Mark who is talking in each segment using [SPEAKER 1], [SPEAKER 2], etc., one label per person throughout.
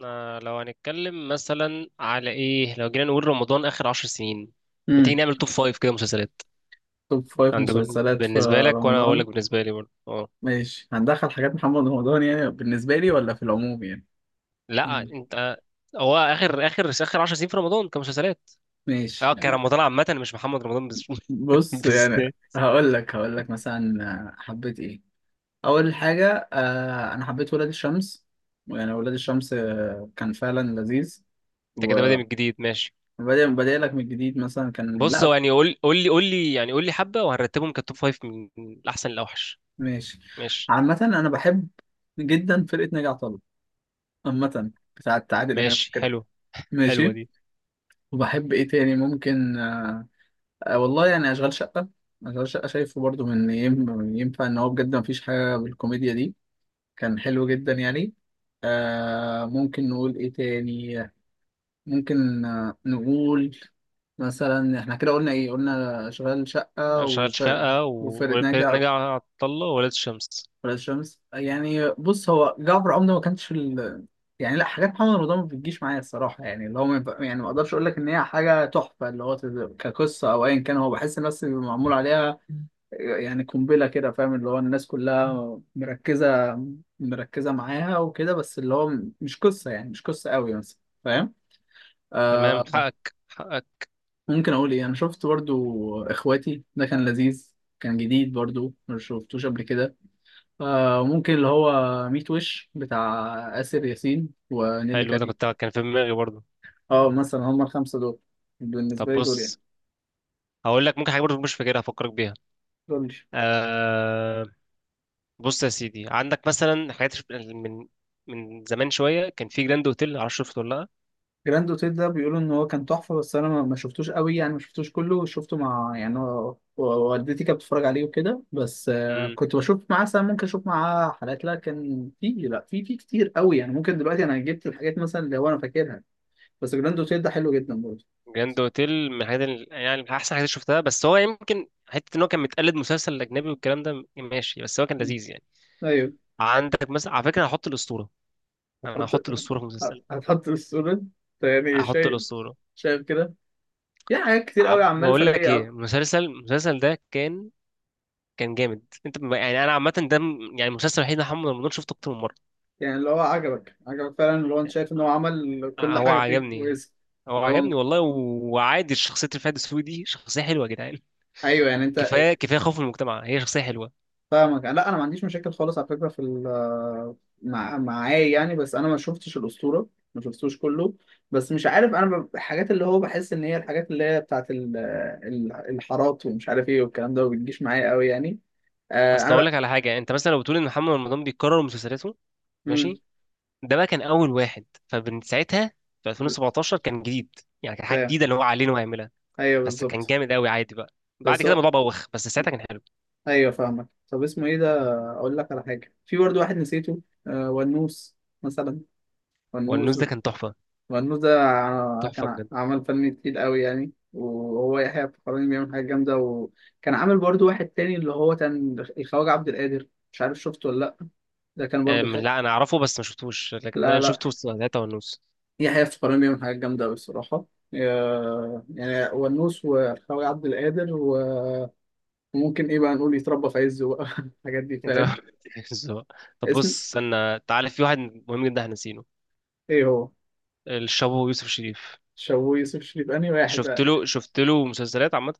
[SPEAKER 1] احنا لو هنتكلم مثلا على ايه، لو جينا نقول رمضان اخر 10 سنين، ما تيجي
[SPEAKER 2] امم
[SPEAKER 1] نعمل توب فايف كده مسلسلات
[SPEAKER 2] توب فايف
[SPEAKER 1] عندك؟ بال-
[SPEAKER 2] مسلسلات في
[SPEAKER 1] بالنسبه لك، وانا هقول
[SPEAKER 2] رمضان.
[SPEAKER 1] لك بالنسبه لي برضه. اه
[SPEAKER 2] ماشي، هندخل حاجات محمد رمضان يعني بالنسبة لي ولا في العموم يعني؟
[SPEAKER 1] لا
[SPEAKER 2] يعني
[SPEAKER 1] انت هو اخر 10 سنين في رمضان كمسلسلات.
[SPEAKER 2] ماشي.
[SPEAKER 1] اه كرمضان عامه، مش محمد رمضان بس
[SPEAKER 2] بص يعني،
[SPEAKER 1] بالذات.
[SPEAKER 2] هقول لك مثلا حبيت ايه. اول حاجة آه انا حبيت ولاد الشمس. يعني ولاد الشمس آه، كان فعلا لذيذ.
[SPEAKER 1] انت كده بادئ
[SPEAKER 2] وبدأ
[SPEAKER 1] من جديد، ماشي.
[SPEAKER 2] بدأ لك من جديد مثلا، كان
[SPEAKER 1] بص
[SPEAKER 2] لا
[SPEAKER 1] هو يعني قول لي حبه، وهنرتبهم كتوب فايف من الاحسن للاوحش.
[SPEAKER 2] ماشي.
[SPEAKER 1] ماشي،
[SPEAKER 2] عامة انا بحب جدا فرقة ناجي عطا الله، عامة بتاعت عادل امام
[SPEAKER 1] ماشي،
[SPEAKER 2] كده
[SPEAKER 1] حلو. حلوه
[SPEAKER 2] ماشي.
[SPEAKER 1] دي.
[SPEAKER 2] وبحب ايه تاني؟ ممكن آه والله يعني اشغال شقه. اشغال شقه شايفه برضو، من ينفع ان هو بجد مفيش حاجه بالكوميديا دي، كان حلو جدا يعني. آه ممكن نقول ايه تاني، ممكن نقول مثلا. احنا كده قلنا ايه؟ قلنا اشغال شقه
[SPEAKER 1] اشغال
[SPEAKER 2] وفرق،
[SPEAKER 1] شقه و-
[SPEAKER 2] وفرقة ناجي،
[SPEAKER 1] وفرقه ناجي عطا الله وولاد الشمس.
[SPEAKER 2] ولاد الشمس. يعني بص، هو جعفر عمده ما كانش ال... يعني لا، حاجات محمد رمضان ما بتجيش معايا الصراحه، يعني اللي هو ما ينفع- يعني ما اقدرش اقول لك ان هي حاجه تحفه، اللي هو كقصه او ايا كان. هو بحس الناس اللي معمول عليها يعني قنبله كده، فاهم؟ اللي هو الناس كلها مركزه معاها وكده، بس اللي هو مش قصه، يعني مش قصه قوي مثلا، فاهم؟
[SPEAKER 1] تمام،
[SPEAKER 2] آه.
[SPEAKER 1] حقك، حقك.
[SPEAKER 2] ممكن اقول ايه، انا شفت برضو اخواتي، ده كان لذيذ. كان جديد برضو، ما شفتوش قبل كده. آه ممكن اللي هو ميت وش بتاع آسر ياسين ونيللي
[SPEAKER 1] حلو ده،
[SPEAKER 2] كريم.
[SPEAKER 1] كان في دماغي برضه.
[SPEAKER 2] اه مثلا هما الخمسة دول بالنسبة
[SPEAKER 1] طب
[SPEAKER 2] لي، دول يعني،
[SPEAKER 1] بص، هقول لك ممكن حاجه برضه مش فاكرها، هفكرك بيها.
[SPEAKER 2] دول لي.
[SPEAKER 1] آه بص يا سيدي، عندك مثلا حاجات من زمان شويه، كان في جراند اوتيل، عارف؟ شفته ولا لا؟
[SPEAKER 2] جراند اوتيل ده بيقولوا ان هو كان تحفة، بس انا ما شفتوش قوي يعني. ما شفتوش كله، شفته مع يعني والدتي كانت بتتفرج عليه وكده، بس آه
[SPEAKER 1] امم
[SPEAKER 2] كنت بشوف معاه ساعة، ممكن اشوف معاه حلقات، لكن في لا في كتير قوي يعني. ممكن دلوقتي انا جبت الحاجات مثلا اللي هو انا فاكرها. بس جراند اوتيل ده حلو جدا برضه.
[SPEAKER 1] جراند اوتيل من الحاجات، ال- يعني من احسن حاجات شفتها، بس هو يمكن حته ان هو كان متقلد مسلسل اجنبي والكلام ده، ماشي، بس هو كان
[SPEAKER 2] مم.
[SPEAKER 1] لذيذ يعني.
[SPEAKER 2] ايوه،
[SPEAKER 1] عندك مثلا على فكره هحط الاسطوره. انا
[SPEAKER 2] هتحط؟
[SPEAKER 1] هحط الاسطوره في المسلسل.
[SPEAKER 2] هتحط بالصورة؟ ده يعني
[SPEAKER 1] هحط
[SPEAKER 2] شيء
[SPEAKER 1] الاسطوره.
[SPEAKER 2] شايف كده؟ في حاجات كتير قوي، اعمال
[SPEAKER 1] بقول لك
[SPEAKER 2] فنية
[SPEAKER 1] ايه،
[SPEAKER 2] اكتر.
[SPEAKER 1] المسلسل ده كان جامد. انت يعني انا عامه ده، يعني المسلسل الوحيد اللي محمد رمضان شفته اكتر من مره.
[SPEAKER 2] يعني اللي هو عجبك فعلا، اللي هو انت شايف ان هو عمل كل
[SPEAKER 1] هو
[SPEAKER 2] حاجة فيه
[SPEAKER 1] عجبني
[SPEAKER 2] كويسة.
[SPEAKER 1] هو
[SPEAKER 2] اللي هو
[SPEAKER 1] عجبني والله، و- وعادي، شخصيه الفهد السوقي دي شخصيه حلوه يا جدعان.
[SPEAKER 2] ايوه يعني. انت
[SPEAKER 1] كفايه كفايه خوف من المجتمع، هي شخصيه حلوه.
[SPEAKER 2] فاهمك، لا انا ما عنديش مشاكل خالص على فكرة، في مع معايا يعني. بس انا ما شفتش الأسطورة، ما شفتوش كله. بس مش عارف انا الحاجات اللي هو بحس ان هي الحاجات اللي هي بتاعت الحارات ومش عارف ايه والكلام ده، ما بتجيش معايا قوي يعني. آه،
[SPEAKER 1] اصل
[SPEAKER 2] انا
[SPEAKER 1] اقول لك على حاجه، انت مثلا لو بتقول ان محمد رمضان بيكرر مسلسلاته،
[SPEAKER 2] مم،
[SPEAKER 1] ماشي، ده بقى كان اول واحد، فمن ساعتها في 2017 كان جديد يعني، كان حاجه
[SPEAKER 2] فاهم.
[SPEAKER 1] جديده اللي هو علينا وهيعملها.
[SPEAKER 2] ايوه
[SPEAKER 1] بس كان
[SPEAKER 2] بالظبط.
[SPEAKER 1] جامد قوي، عادي بقى بعد
[SPEAKER 2] بس
[SPEAKER 1] كده
[SPEAKER 2] هو
[SPEAKER 1] الموضوع بوخ، بس ساعتها كان حلو.
[SPEAKER 2] ايوه فاهمك. طب اسمه ايه ده، اقول لك على حاجه، في برضو واحد نسيته، آه ونوس مثلا.
[SPEAKER 1] والنوز
[SPEAKER 2] ونوس.
[SPEAKER 1] ده كان تحفه،
[SPEAKER 2] ونوس ده ع- كان
[SPEAKER 1] تحفه
[SPEAKER 2] ع-
[SPEAKER 1] بجد.
[SPEAKER 2] عمل فن تقيل قوي يعني، وهو يحيى الفخراني بيعمل حاجه جامده. وكان عامل برضو واحد تاني اللي هو كان الخواجه عبد القادر، مش عارف شفته ولا لا. ده كان برضو حلو.
[SPEAKER 1] لا انا اعرفه بس ما شفتوش، لكن
[SPEAKER 2] لا
[SPEAKER 1] انا
[SPEAKER 2] لا،
[SPEAKER 1] شفته وسط ثلاثة ونص.
[SPEAKER 2] يحيى الفخراني بيعمل حاجات جامده قوي الصراحه. آه، يعني ونوس والخواجه عبد القادر وممكن ايه بقى نقول، يتربى في عزه بقى، الحاجات دي،
[SPEAKER 1] إيه ده؟
[SPEAKER 2] فاهم؟
[SPEAKER 1] بالظبط. طب
[SPEAKER 2] اسم
[SPEAKER 1] بص، استنى، تعالى في واحد مهم جدا احنا نسينه،
[SPEAKER 2] ايه هو؟
[SPEAKER 1] الشابو يوسف شريف.
[SPEAKER 2] شوي يوسف شريف، انهي واحد
[SPEAKER 1] شفت
[SPEAKER 2] بقى؟
[SPEAKER 1] له شفت له مسلسلات عامة.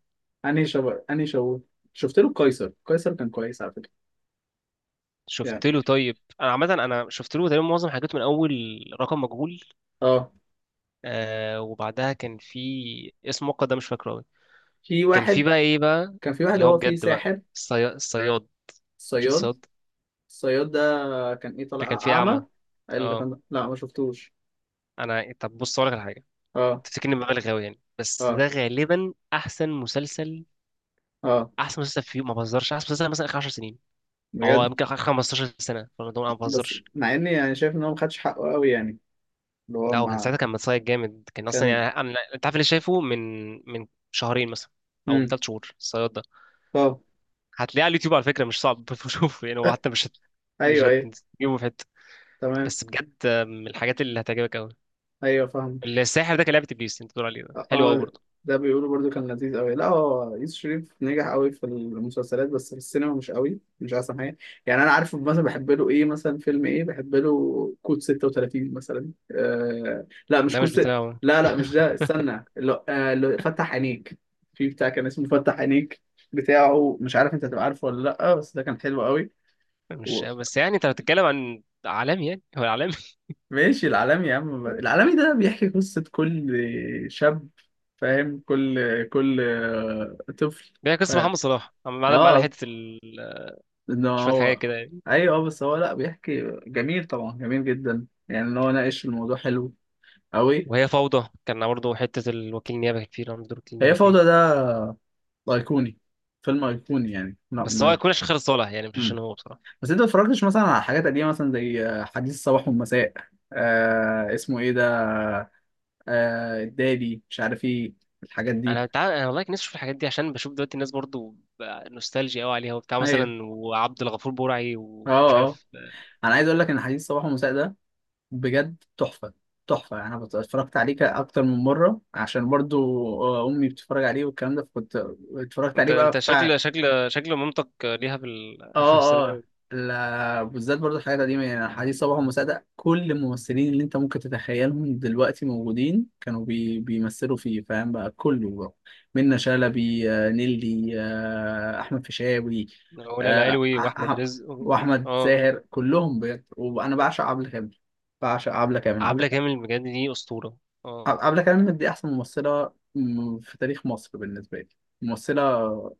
[SPEAKER 2] انهي شوي، انهي شوي؟ شفت له قيصر، قيصر كان كويس على فكره. يعني
[SPEAKER 1] شفت له، طيب انا عامة انا شفت له تقريبا معظم حاجاته، من اول رقم مجهول،
[SPEAKER 2] اه.
[SPEAKER 1] آه وبعدها كان في اسم مؤقت ده مش فاكره قوي،
[SPEAKER 2] في
[SPEAKER 1] كان في
[SPEAKER 2] واحد،
[SPEAKER 1] بقى ايه بقى،
[SPEAKER 2] كان في واحد،
[SPEAKER 1] اللي هو
[SPEAKER 2] هو فيه
[SPEAKER 1] بجد بقى
[SPEAKER 2] ساحر.
[SPEAKER 1] الصياد. الصياد، شفت
[SPEAKER 2] صياد،
[SPEAKER 1] الصياد؟
[SPEAKER 2] الصياد ده كان ايه،
[SPEAKER 1] ده كان
[SPEAKER 2] طالع
[SPEAKER 1] فيه اعمى.
[SPEAKER 2] اعمى اللي
[SPEAKER 1] اه
[SPEAKER 2] كان؟ لا ما شفتوش.
[SPEAKER 1] انا طب بص اقول لك على حاجة،
[SPEAKER 2] اه
[SPEAKER 1] بتتكلم مبالغ قوي يعني، بس
[SPEAKER 2] اه.
[SPEAKER 1] ده غالبا احسن مسلسل
[SPEAKER 2] اه
[SPEAKER 1] احسن مسلسل في، ما بهزرش، احسن مسلسل مثلا اخر 10 سنين. هو
[SPEAKER 2] بجد.
[SPEAKER 1] يمكن اخر 15 سنه، فالموضوع انا ما
[SPEAKER 2] بس
[SPEAKER 1] بهزرش.
[SPEAKER 2] مع اني يعني شايف ان هو ما خدش حقه قوي يعني، اللي هو
[SPEAKER 1] لا هو كان
[SPEAKER 2] ما
[SPEAKER 1] ساعتها كان متصايد جامد، كان اصلا
[SPEAKER 2] كان.
[SPEAKER 1] يعني انا، انت عارف اللي شايفه من شهرين مثلا، او من
[SPEAKER 2] امم.
[SPEAKER 1] 3 شهور، الصياد ده.
[SPEAKER 2] اه.
[SPEAKER 1] هتلاقيه على اليوتيوب على فكره، مش صعب تشوفه يعني، هو حتى مش
[SPEAKER 2] ايوه ايوه.
[SPEAKER 1] هتجيبه في حته.
[SPEAKER 2] تمام.
[SPEAKER 1] بس بجد من الحاجات اللي هتعجبك قوي.
[SPEAKER 2] ايوه فاهم.
[SPEAKER 1] الساحر ده كان لعبه ابليس، انت بتقول عليه ده حلو قوي
[SPEAKER 2] اه.
[SPEAKER 1] برضه؟
[SPEAKER 2] ده بيقولوا برضو كان لذيذ قوي. لا هو يوسف شريف نجح قوي في المسلسلات، بس في السينما مش قوي، مش احسن حاجه يعني. انا عارف مثلا بحب له ايه، مثلا فيلم ايه بحب له، كود 36 مثلا، آه لا مش
[SPEAKER 1] ده
[SPEAKER 2] كود
[SPEAKER 1] مش
[SPEAKER 2] ست...
[SPEAKER 1] بتاعه،
[SPEAKER 2] لا لا مش ده، استنى اللي اللي فتح عينيك. في بتاع كان اسمه فتح عينيك، بتاعه، مش عارف انت هتبقى عارفه ولا لا، بس ده كان حلو قوي.
[SPEAKER 1] مش بس، يعني انت بتتكلم عن عالمي؟ يعني هو عالمي
[SPEAKER 2] ماشي، العالمي يا عم، العالمي ده بيحكي قصة كل شاب، فاهم؟ كل كل طفل.
[SPEAKER 1] يعني قصة
[SPEAKER 2] فاهم؟
[SPEAKER 1] محمد صلاح، ما عدا
[SPEAKER 2] اه
[SPEAKER 1] حتة ال...
[SPEAKER 2] ان
[SPEAKER 1] شوية حاجات
[SPEAKER 2] هو،
[SPEAKER 1] كده يعني.
[SPEAKER 2] ايوه آه، بس هو لا بيحكي جميل، طبعا جميل جدا يعني، ان هو ناقش الموضوع حلو قوي.
[SPEAKER 1] وهي فوضى كان برضه حتة الوكيل النيابة، كان فيه رمز دور وكيل
[SPEAKER 2] هي
[SPEAKER 1] النيابة فيه،
[SPEAKER 2] فوضى ده ايقوني، فيلم ايقوني يعني، لا
[SPEAKER 1] بس هو يكون عشان خالد صالح يعني، مش عشان
[SPEAKER 2] مم.
[SPEAKER 1] هو بصراحة.
[SPEAKER 2] بس انت ما اتفرجتش مثلا على حاجات قديمة مثلا زي حديث الصباح والمساء، آه اسمه ايه ده، آه الدالي، مش عارف ايه الحاجات دي.
[SPEAKER 1] أنا والله كان نفسي أشوف الحاجات دي، عشان بشوف دلوقتي الناس برضه بقى نوستالجيا أوي عليها وبتاع،
[SPEAKER 2] ايوه
[SPEAKER 1] مثلا وعبد الغفور برعي
[SPEAKER 2] اه
[SPEAKER 1] ومش
[SPEAKER 2] آه.
[SPEAKER 1] عارف.
[SPEAKER 2] انا عايز اقول لك ان حديث صباح ومساء ده بجد تحفه. تحفه يعني، انا اتفرجت عليه اكتر من مره، عشان برضو آه، امي بتتفرج عليه والكلام ده، فكنت اتفرجت
[SPEAKER 1] أنت
[SPEAKER 2] عليه
[SPEAKER 1] أنت
[SPEAKER 2] بقى.
[SPEAKER 1] شكل، شكل مامتك ليها في ال... في السرد
[SPEAKER 2] اه اه.
[SPEAKER 1] أوي.
[SPEAKER 2] لا بالذات برضو الحاجات القديمة يعني. حديث صباح ومساعدة، كل الممثلين اللي انت ممكن تتخيلهم دلوقتي موجودين كانوا بيمثلوا فيه، فاهم بقى، كله بقى. منة شلبي آه، نيلي آه، أحمد فيشاوي
[SPEAKER 1] ولا
[SPEAKER 2] آه،
[SPEAKER 1] العلوي وأحمد رزق و...
[SPEAKER 2] وأحمد
[SPEAKER 1] أه
[SPEAKER 2] زاهر، كلهم بجد. وأنا بعشق عبلة كامل، بعشق عبلة كامل. عبلة،
[SPEAKER 1] عبلة كامل بجد دي أسطورة. آه.
[SPEAKER 2] عبلة كامل دي أحسن ممثلة في تاريخ مصر بالنسبة لي. ممثلة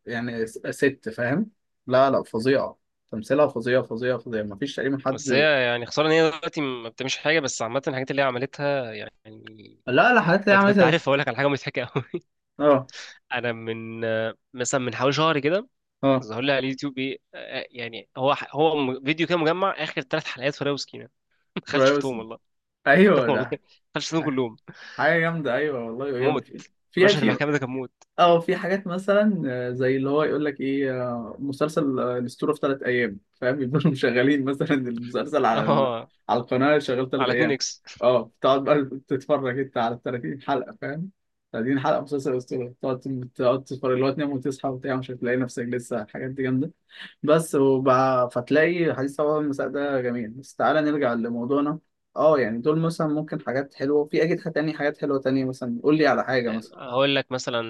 [SPEAKER 2] يعني، ست، فاهم؟ لا لا فظيعة. تمثيلها فظيع فظيع فظيع، مفيش تقريبا
[SPEAKER 1] بس
[SPEAKER 2] حد.
[SPEAKER 1] هي يعني خساره ان هي دلوقتي ما بتعملش حاجه، بس عامه الحاجات اللي هي عملتها يعني.
[SPEAKER 2] لا لا، حاجات اللي هي
[SPEAKER 1] انت
[SPEAKER 2] عملتها دي.
[SPEAKER 1] عارف، اقول لك على حاجه مضحكه قوي.
[SPEAKER 2] اه
[SPEAKER 1] انا من مثلا من حوالي شهر كده،
[SPEAKER 2] اه.
[SPEAKER 1] ظهر لي على اليوتيوب ايه، يعني فيديو كده مجمع اخر 3 حلقات فراوي وسكينه. ما دخلتش
[SPEAKER 2] ريوس.
[SPEAKER 1] شفتهم والله.
[SPEAKER 2] ايوه
[SPEAKER 1] والله ما
[SPEAKER 2] ده.
[SPEAKER 1] دخلتش شفتهم
[SPEAKER 2] ح-
[SPEAKER 1] كلهم،
[SPEAKER 2] حاجة جامدة، ايوه والله جامدة.
[SPEAKER 1] موت.
[SPEAKER 2] في
[SPEAKER 1] مشهد
[SPEAKER 2] في
[SPEAKER 1] المحكمه ده كان موت.
[SPEAKER 2] اه. في حاجات مثلا آه، زي اللي هو يقول لك ايه، آه، مسلسل، آه، الاسطوره في ثلاث ايام، فاهم؟ يبقوا مشغلين مثلا المسلسل على ال...
[SPEAKER 1] اه
[SPEAKER 2] على القناه شغال ثلاث
[SPEAKER 1] على 2
[SPEAKER 2] ايام،
[SPEAKER 1] اكس.
[SPEAKER 2] اه. تقعد بقى تتفرج انت على 30 حلقه، فاهم؟ 30 حلقه مسلسل الاسطوره، تقعد تتفرج. اللي هو تنام وتصحى وبتاع، مش هتلاقي نفسك لسه. الحاجات دي جامده بس. وبقى فتلاقي حديث طبعا المساء ده جميل، بس تعالى نرجع لموضوعنا. اه يعني دول مثلا ممكن حاجات حلوه، وفي اكيد تاني حاجات حلوه تانية، مثلا قول لي على حاجه مثلا.
[SPEAKER 1] هقول لك مثلا،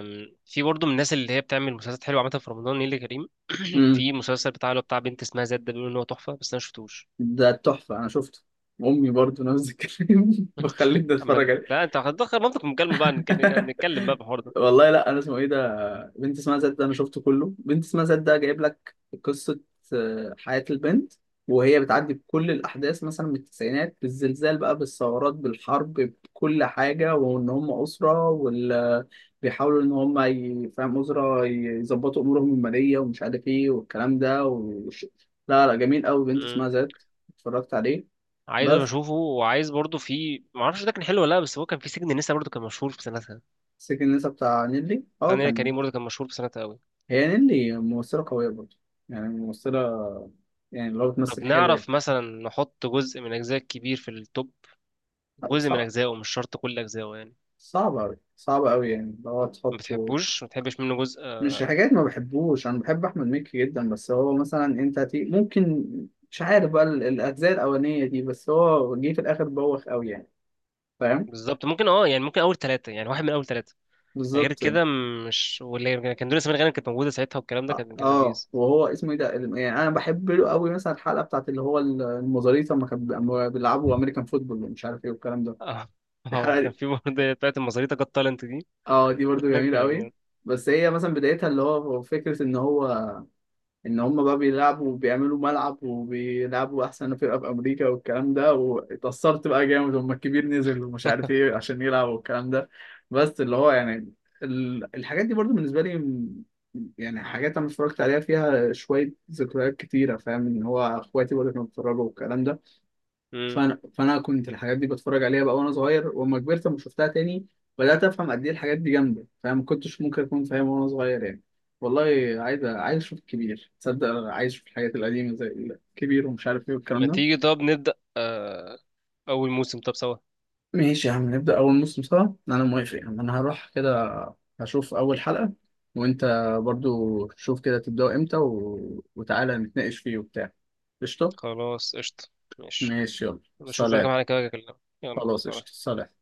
[SPEAKER 1] في برضه من الناس اللي هي بتعمل مسلسلات حلوه عامه في رمضان، نيللي كريم. في مسلسل بتاع اللي هو بتاع بنت اسمها زاد، ده بيقولوا ان هو تحفه، بس انا ما شفتوش.
[SPEAKER 2] ده تحفة، أنا شفته. أمي برضو نفس الكلام، بخليني
[SPEAKER 1] أما
[SPEAKER 2] أتفرج عليه.
[SPEAKER 1] لا، أنت هتدخل منطق المكالمة بقى، نتكلم بقى في الحوار ده.
[SPEAKER 2] والله لا أنا اسمه إيه ده، بنت اسمها زاد، ده أنا شفته كله. بنت اسمها زاد ده جايب لك قصة آه، حياة البنت، وهي بتعدي بكل الأحداث مثلا من التسعينات بالزلزال بقى، بالثورات، بالحرب، بكل حاجة. وإن هم أسرة وال بيحاولوا إن هم فاهم، أسرة يظبطوا أمورهم المالية ومش عارف إيه والكلام ده لا لا جميل أوي، بنت
[SPEAKER 1] مم.
[SPEAKER 2] اسمها زاد، اتفرجت عليه.
[SPEAKER 1] عايز أبقى
[SPEAKER 2] بس
[SPEAKER 1] أشوفه، وعايز برضه في معرفش ده كان حلو ولا لأ، بس هو كان في سجن لسه برضه كان مشهور في سنتها.
[SPEAKER 2] سجن النساء بتاع نيلي، اه
[SPEAKER 1] ثانية
[SPEAKER 2] كان.
[SPEAKER 1] كريم برضه كان مشهور في سنتها أوي.
[SPEAKER 2] هي نيلي ممثلة قوية برضه يعني، ممثلة يعني اللي هو
[SPEAKER 1] طب
[SPEAKER 2] بتمثل حلو يعني.
[SPEAKER 1] نعرف مثلا نحط جزء من أجزاء كبير في التوب؟ جزء من
[SPEAKER 2] صعب،
[SPEAKER 1] أجزائه، مش شرط كل أجزائه يعني.
[SPEAKER 2] صعب أوي، صعب أوي، يعني اللي هو
[SPEAKER 1] ما
[SPEAKER 2] تحطه.
[SPEAKER 1] بتحبوش ما بتحبش منه جزء.
[SPEAKER 2] مش
[SPEAKER 1] آه،
[SPEAKER 2] حاجات ما بحبوش، أنا بحب أحمد مكي جدا، بس هو مثلا، أنت هتي... ممكن، مش عارف بقى الأجزاء الأولانية دي، بس هو جه في الآخر بوخ أوي يعني، فاهم؟
[SPEAKER 1] بالظبط ممكن، اه يعني ممكن أول ثلاثة، يعني واحد من أول ثلاثة. غير
[SPEAKER 2] بالظبط.
[SPEAKER 1] كده، مش واللي كان دنيا سمير غانم كانت موجودة ساعتها والكلام ده،
[SPEAKER 2] اه
[SPEAKER 1] كان
[SPEAKER 2] آه،
[SPEAKER 1] لذيذ.
[SPEAKER 2] وهو اسمه ايه ده يعني انا بحب له قوي مثلا الحلقه بتاعت اللي هو المزاريطه، لما كان أما بيلعبوا امريكان فوتبول ومش عارف ايه والكلام ده.
[SPEAKER 1] اه اه وكان
[SPEAKER 2] الحلقة
[SPEAKER 1] في برضه بتاعت المزاريطة جت تالنت دي.
[SPEAKER 2] اه، دي برضو جميلة قوي.
[SPEAKER 1] كان.
[SPEAKER 2] بس هي مثلا بدايتها اللي هو فكرة ان هو، ان هم بقى بيلعبوا وبيعملوا ملعب وبيلعبوا احسن فرقة في امريكا والكلام ده. واتأثرت بقى جامد، هم الكبير نزل ومش عارف ايه عشان يلعب والكلام ده. بس اللي هو يعني الحاجات دي برضو بالنسبة لي يعني حاجات انا اتفرجت عليها فيها شوية ذكريات كتيرة، فاهم؟ ان هو اخواتي برضو كانوا بيتفرجوا والكلام ده.
[SPEAKER 1] مم.
[SPEAKER 2] فانا كنت الحاجات دي بتفرج عليها بقى وانا صغير، واما كبرت لما شفتها تاني بدات افهم قد ايه الحاجات دي جامده، فاهم؟ ما كنتش ممكن اكون فاهم وانا صغير يعني. والله عايز اشوف الكبير، تصدق؟ عايز اشوف الحاجات القديمه زي الكبير ومش عارف ايه والكلام
[SPEAKER 1] ما
[SPEAKER 2] ده.
[SPEAKER 1] تيجي طب نبدأ أول موسم طب سوا.
[SPEAKER 2] ماشي يا عم، نبدا اول موسم سوا، انا موافق يا عم. انا هروح كده هشوف اول حلقه، وانت برضو شوف كده تبداوا امتى، و... وتعالى نتناقش فيه وبتاع. قشطه.
[SPEAKER 1] خلاص قشطة، ماشي.
[SPEAKER 2] ماشي يلا
[SPEAKER 1] بشوف إن كام
[SPEAKER 2] سلام.
[SPEAKER 1] حاجة كده أكلمك. يلا
[SPEAKER 2] خلاص قشطه
[SPEAKER 1] سلام.
[SPEAKER 2] سلام.